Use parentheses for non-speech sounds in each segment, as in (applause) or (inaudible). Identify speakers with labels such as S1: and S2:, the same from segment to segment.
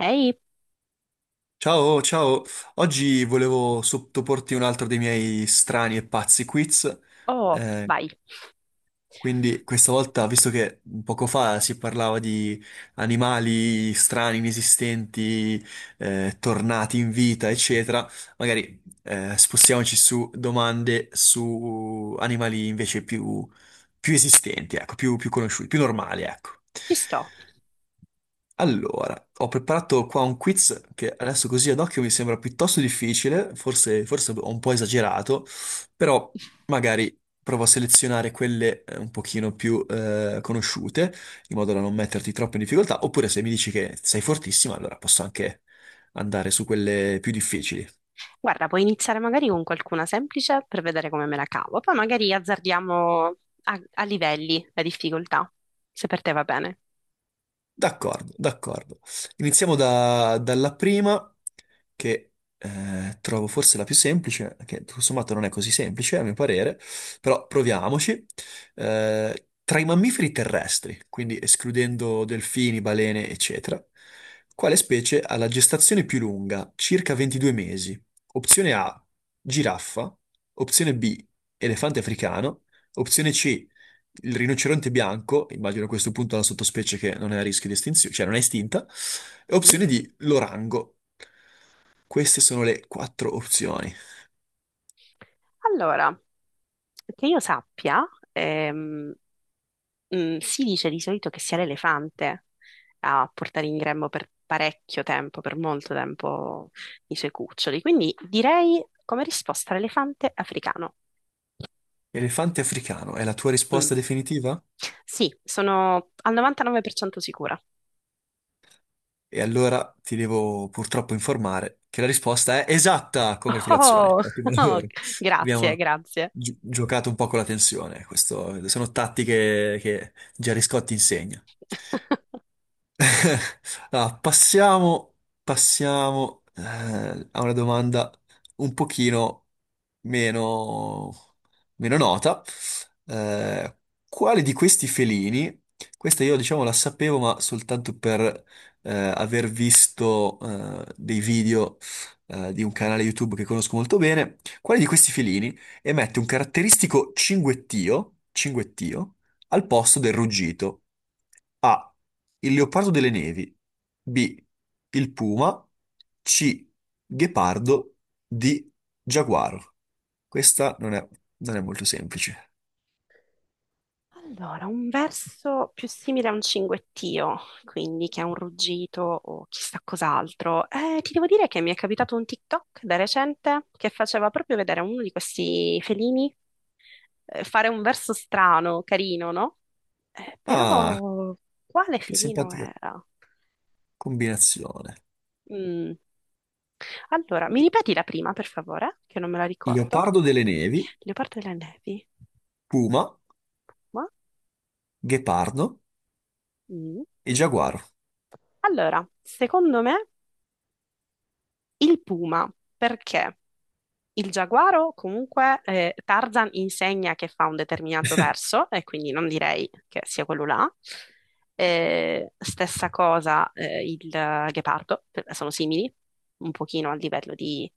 S1: Ehi,
S2: Ciao, ciao. Oggi volevo sottoporti un altro dei miei strani e pazzi quiz.
S1: oh,
S2: Eh,
S1: vai,
S2: quindi questa volta, visto che poco fa si parlava di animali strani, inesistenti, tornati in vita, eccetera, magari spostiamoci su domande su animali invece più esistenti, ecco, più conosciuti, più normali, ecco.
S1: ci sto.
S2: Allora, ho preparato qua un quiz che adesso così ad occhio mi sembra piuttosto difficile, forse ho un po' esagerato, però magari provo a selezionare quelle un pochino più conosciute, in modo da non metterti troppo in difficoltà, oppure se mi dici che sei fortissima, allora posso anche andare su quelle più difficili.
S1: Guarda, puoi iniziare magari con qualcuna semplice per vedere come me la cavo, poi magari azzardiamo a livelli la difficoltà, se per te va bene.
S2: D'accordo, d'accordo. Dalla prima, che trovo forse la più semplice, che tutto sommato non è così semplice a mio parere, però proviamoci. Tra i mammiferi terrestri, quindi escludendo delfini, balene, eccetera, quale specie ha la gestazione più lunga, circa 22 mesi? Opzione A, giraffa, opzione B, elefante africano, opzione C, il rinoceronte bianco, immagino a questo punto la sottospecie che non è a rischio di estinzione, cioè non è estinta, e
S1: Mhm.
S2: opzione D, l'orango. Queste sono le quattro opzioni.
S1: Allora, che io sappia, ehm, si dice di solito che sia l'elefante a portare in grembo per parecchio tempo, per molto tempo, i suoi cuccioli, quindi direi come risposta l'elefante africano.
S2: Elefante africano è la tua
S1: Mm.
S2: risposta definitiva?
S1: Sì, sono al 99% sicura.
S2: E allora ti devo purtroppo informare che la risposta è esatta! Congratulazioni,
S1: Oh,
S2: ottimo
S1: (laughs) oh,
S2: lavoro.
S1: grazie,
S2: Abbiamo
S1: grazie.
S2: giocato un po' con la tensione, questo sono tattiche che Gerry Scotti insegna.
S1: (laughs)
S2: (laughs) Allora, passiamo a una domanda un pochino meno, meno nota. Eh, quale di questi felini, questa io diciamo la sapevo, ma soltanto per aver visto dei video di un canale YouTube che conosco molto bene, quale di questi felini emette un caratteristico cinguettio al posto del ruggito? A. Il leopardo delle nevi. B. Il puma. C. Ghepardo. D. Giaguaro. Questa non è, Non è molto semplice.
S1: Allora, un verso più simile a un cinguettio, quindi che è un ruggito o chissà cos'altro. Ti devo dire che mi è capitato un TikTok da recente che faceva proprio vedere a uno di questi felini fare un verso strano, carino, no?
S2: Ah,
S1: Però quale
S2: che
S1: felino
S2: simpatica
S1: era?
S2: combinazione.
S1: Mm, allora, mi ripeti la prima, per favore, che non me la ricordo.
S2: Leopardo delle nevi,
S1: Leopardo delle nevi.
S2: puma,
S1: Ma?
S2: ghepardo
S1: Mm.
S2: e giaguaro.
S1: Allora, secondo me il puma, perché il giaguaro comunque Tarzan insegna che fa un determinato verso e quindi non direi che sia quello là. Stessa cosa il ghepardo, sono simili, un pochino a livello di,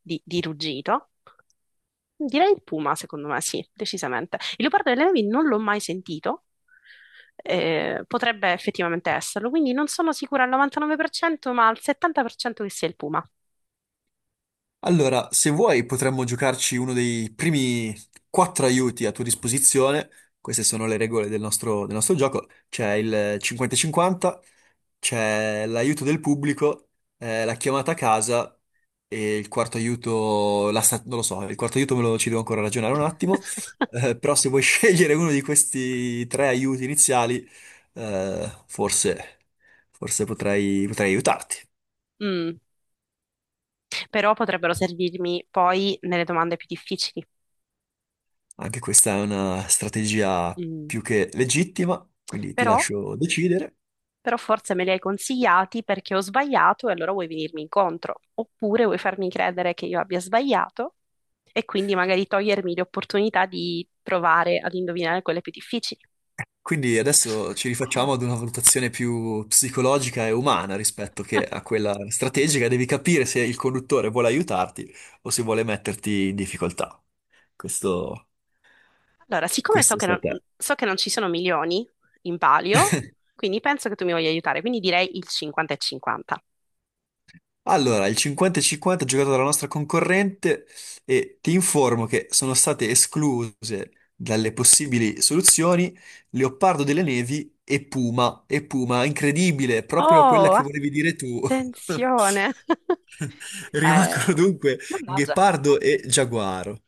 S1: di- di ruggito. Direi il puma, secondo me, sì, decisamente. Il leopardo delle nevi non l'ho mai sentito, potrebbe effettivamente esserlo, quindi non sono sicura al 99%, ma al 70% che sia il puma.
S2: Allora, se vuoi potremmo giocarci uno dei primi quattro aiuti a tua disposizione. Queste sono le regole del nostro gioco. C'è il 50-50, c'è l'aiuto del pubblico, la chiamata a casa e il quarto aiuto, non lo so, il quarto aiuto me lo ci devo ancora ragionare un attimo,
S1: (laughs)
S2: però se vuoi (laughs) scegliere uno di questi tre aiuti iniziali, eh, forse, forse potrei aiutarti.
S1: Mm, però potrebbero servirmi poi nelle domande più difficili.
S2: Anche questa è una strategia
S1: Mm,
S2: più che legittima, quindi ti
S1: Però
S2: lascio decidere.
S1: però forse me li hai consigliati perché ho sbagliato e allora vuoi venirmi incontro, oppure vuoi farmi credere che io abbia sbagliato e quindi magari togliermi l'opportunità di provare ad indovinare quelle più difficili.
S2: Quindi adesso ci rifacciamo ad una valutazione più psicologica e umana rispetto che a quella strategica. Devi capire se il conduttore vuole aiutarti o se vuole metterti in difficoltà. Questo,
S1: Allora, siccome
S2: Questo sta a te.
S1: so che non ci sono milioni in palio, quindi penso che tu mi voglia aiutare, quindi direi il 50 e 50.
S2: Allora, il 50-50 giocato dalla nostra concorrente e ti informo che sono state escluse dalle possibili soluzioni Leopardo delle Nevi e Puma. E Puma, incredibile, proprio quella
S1: Oh,
S2: che volevi dire tu. (laughs)
S1: attenzione! (laughs)
S2: (laughs)
S1: Eh,
S2: Rimangono dunque
S1: mannaggia.
S2: Ghepardo e Giaguaro.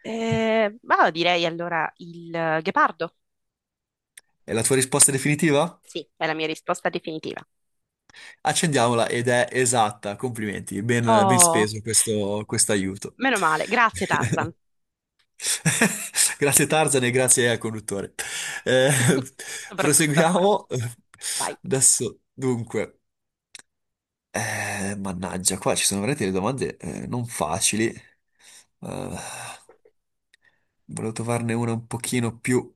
S1: Ma direi allora il ghepardo.
S2: È la tua risposta definitiva?
S1: Sì, è la mia risposta definitiva.
S2: Accendiamola ed è esatta. Complimenti, ben
S1: Oh,
S2: speso questo aiuto.
S1: meno male. Grazie, Tarzan.
S2: (laughs) Grazie Tarzan e grazie al conduttore. Eh,
S1: (laughs) Soprattutto.
S2: Proseguiamo.
S1: Vai,
S2: Adesso, dunque, mannaggia, qua ci sono veramente le domande non facili. Eh, Volevo trovarne una un pochino più,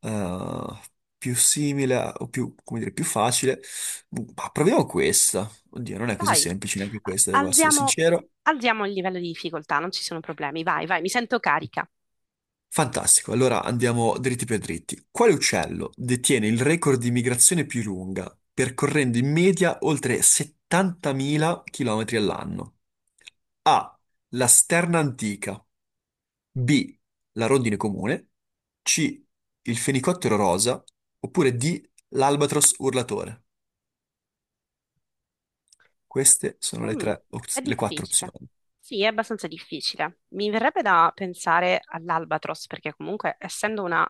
S2: eh, più simile o più, come dire, più facile. Ma proviamo questa. Oddio, non è così
S1: vai.
S2: semplice neanche
S1: A-
S2: questa, devo essere
S1: Alziamo,
S2: sincero.
S1: alziamo il livello di difficoltà, non ci sono problemi. Vai, vai, mi sento carica.
S2: Fantastico, allora andiamo dritti per dritti. Quale uccello detiene il record di migrazione più lunga, percorrendo in media oltre 70.000 km all'anno? A. La sterna antica. B. La rondine comune. C. Il fenicottero rosa. Oppure D. L'albatros urlatore. Queste sono
S1: Mm, è
S2: le quattro
S1: difficile.
S2: opzioni.
S1: Sì, è abbastanza difficile. Mi verrebbe da pensare all'Albatros, perché comunque, essendo una,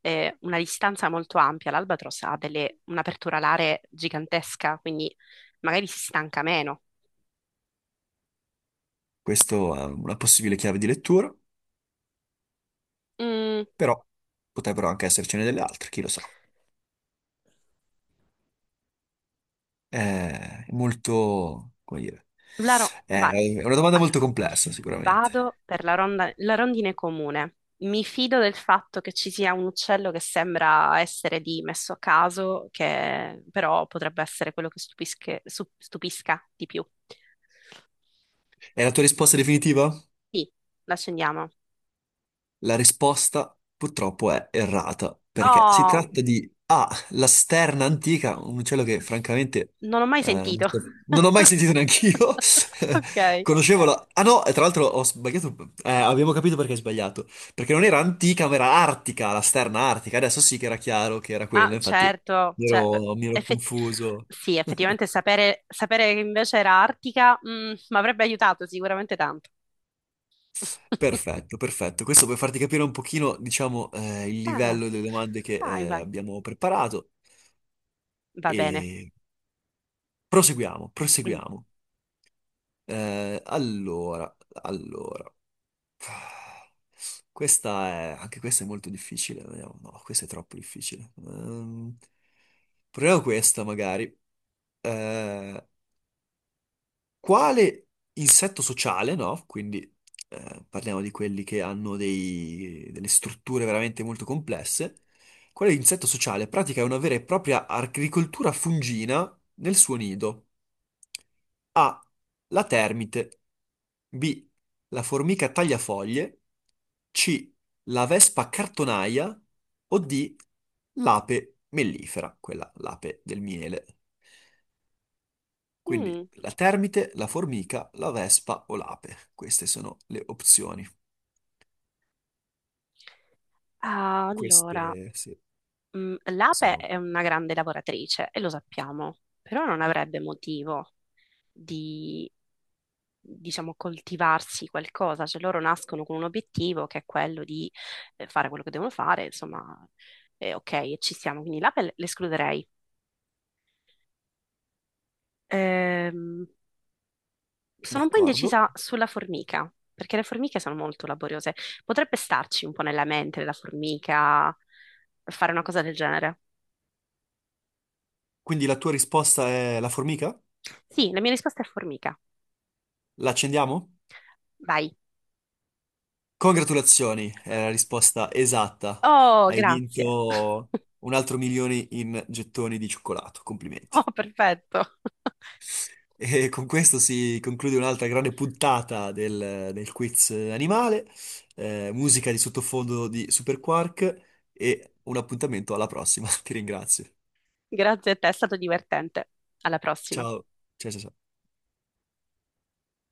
S1: eh, una distanza molto ampia, l'Albatros un'apertura alare gigantesca, quindi magari si stanca meno.
S2: Questo è una possibile chiave di lettura,
S1: Mm,
S2: però potrebbero anche essercene delle altre, chi lo sa. È molto, come dire, è
S1: Vai.
S2: è una domanda
S1: Allora,
S2: molto complessa,
S1: vado
S2: sicuramente.
S1: per la rondine comune. Mi fido del fatto che ci sia un uccello che sembra essere di messo a caso, che però potrebbe essere quello che stupisca, stupisca di più.
S2: È la tua risposta definitiva?
S1: Sì, l'accendiamo.
S2: La risposta purtroppo è errata, perché si
S1: Oh,
S2: tratta di A, la sterna antica, un uccello che francamente
S1: non ho mai
S2: eh, non
S1: sentito.
S2: so- non ho mai sentito neanch'io.
S1: (laughs)
S2: (laughs)
S1: Ok.
S2: Conoscevo la... Ah no, e tra l'altro ho sbagliato, abbiamo capito perché hai sbagliato, perché non era antica, ma era artica, la sterna artica. Adesso sì che era chiaro che era
S1: Ah,
S2: quella, infatti
S1: certo, cioè, beh,
S2: mi ero
S1: effett-
S2: confuso.
S1: sì,
S2: (laughs)
S1: effettivamente sapere che invece era Artica, mi avrebbe aiutato sicuramente tanto. (laughs)
S2: Perfetto, perfetto. Questo per farti capire un pochino, diciamo, il
S1: Ah,
S2: livello delle domande che
S1: vai, vai,
S2: abbiamo preparato.
S1: va bene.
S2: E
S1: Mm.
S2: proseguiamo. Eh, allora, allora. Anche questa è molto difficile. Vediamo. No, questa è troppo difficile. Proviamo questa, magari. Eh, quale insetto sociale, no? Quindi parliamo di quelli che hanno delle strutture veramente molto complesse. Quale insetto sociale pratica una vera e propria agricoltura fungina nel suo nido? A. La termite. B. La formica tagliafoglie. C. La vespa cartonaia. O D. L'ape mellifera, quella l'ape del miele. Quindi
S1: Mm.
S2: la termite, la formica, la vespa o l'ape. Queste sono le opzioni.
S1: Ah, allora,
S2: Queste sì,
S1: mm, l'ape
S2: sono
S1: è una grande lavoratrice e lo sappiamo, però non avrebbe motivo di, diciamo, coltivarsi qualcosa, cioè loro nascono con un obiettivo che è quello di fare quello che devono fare, insomma, ok, e ci siamo, quindi l'ape l'escluderei. Ehm, Sono un po'
S2: d'accordo.
S1: indecisa sulla formica, perché le formiche sono molto laboriose. Potrebbe starci un po' nella mente la formica, fare una cosa del genere.
S2: Quindi la tua risposta è la formica?
S1: Sì, la mia risposta è formica.
S2: La accendiamo?
S1: Vai.
S2: Congratulazioni, è la risposta esatta.
S1: Oh,
S2: Hai
S1: grazie. (laughs)
S2: vinto un altro milione in gettoni di cioccolato. Complimenti.
S1: Oh, perfetto. (laughs)
S2: E con questo si conclude un'altra grande puntata del quiz animale, musica di sottofondo di Super Quark e un appuntamento alla prossima. (laughs) Ti ringrazio.
S1: Grazie a te, è stato divertente. Alla prossima.
S2: Ciao, ciao, ciao. Ciao.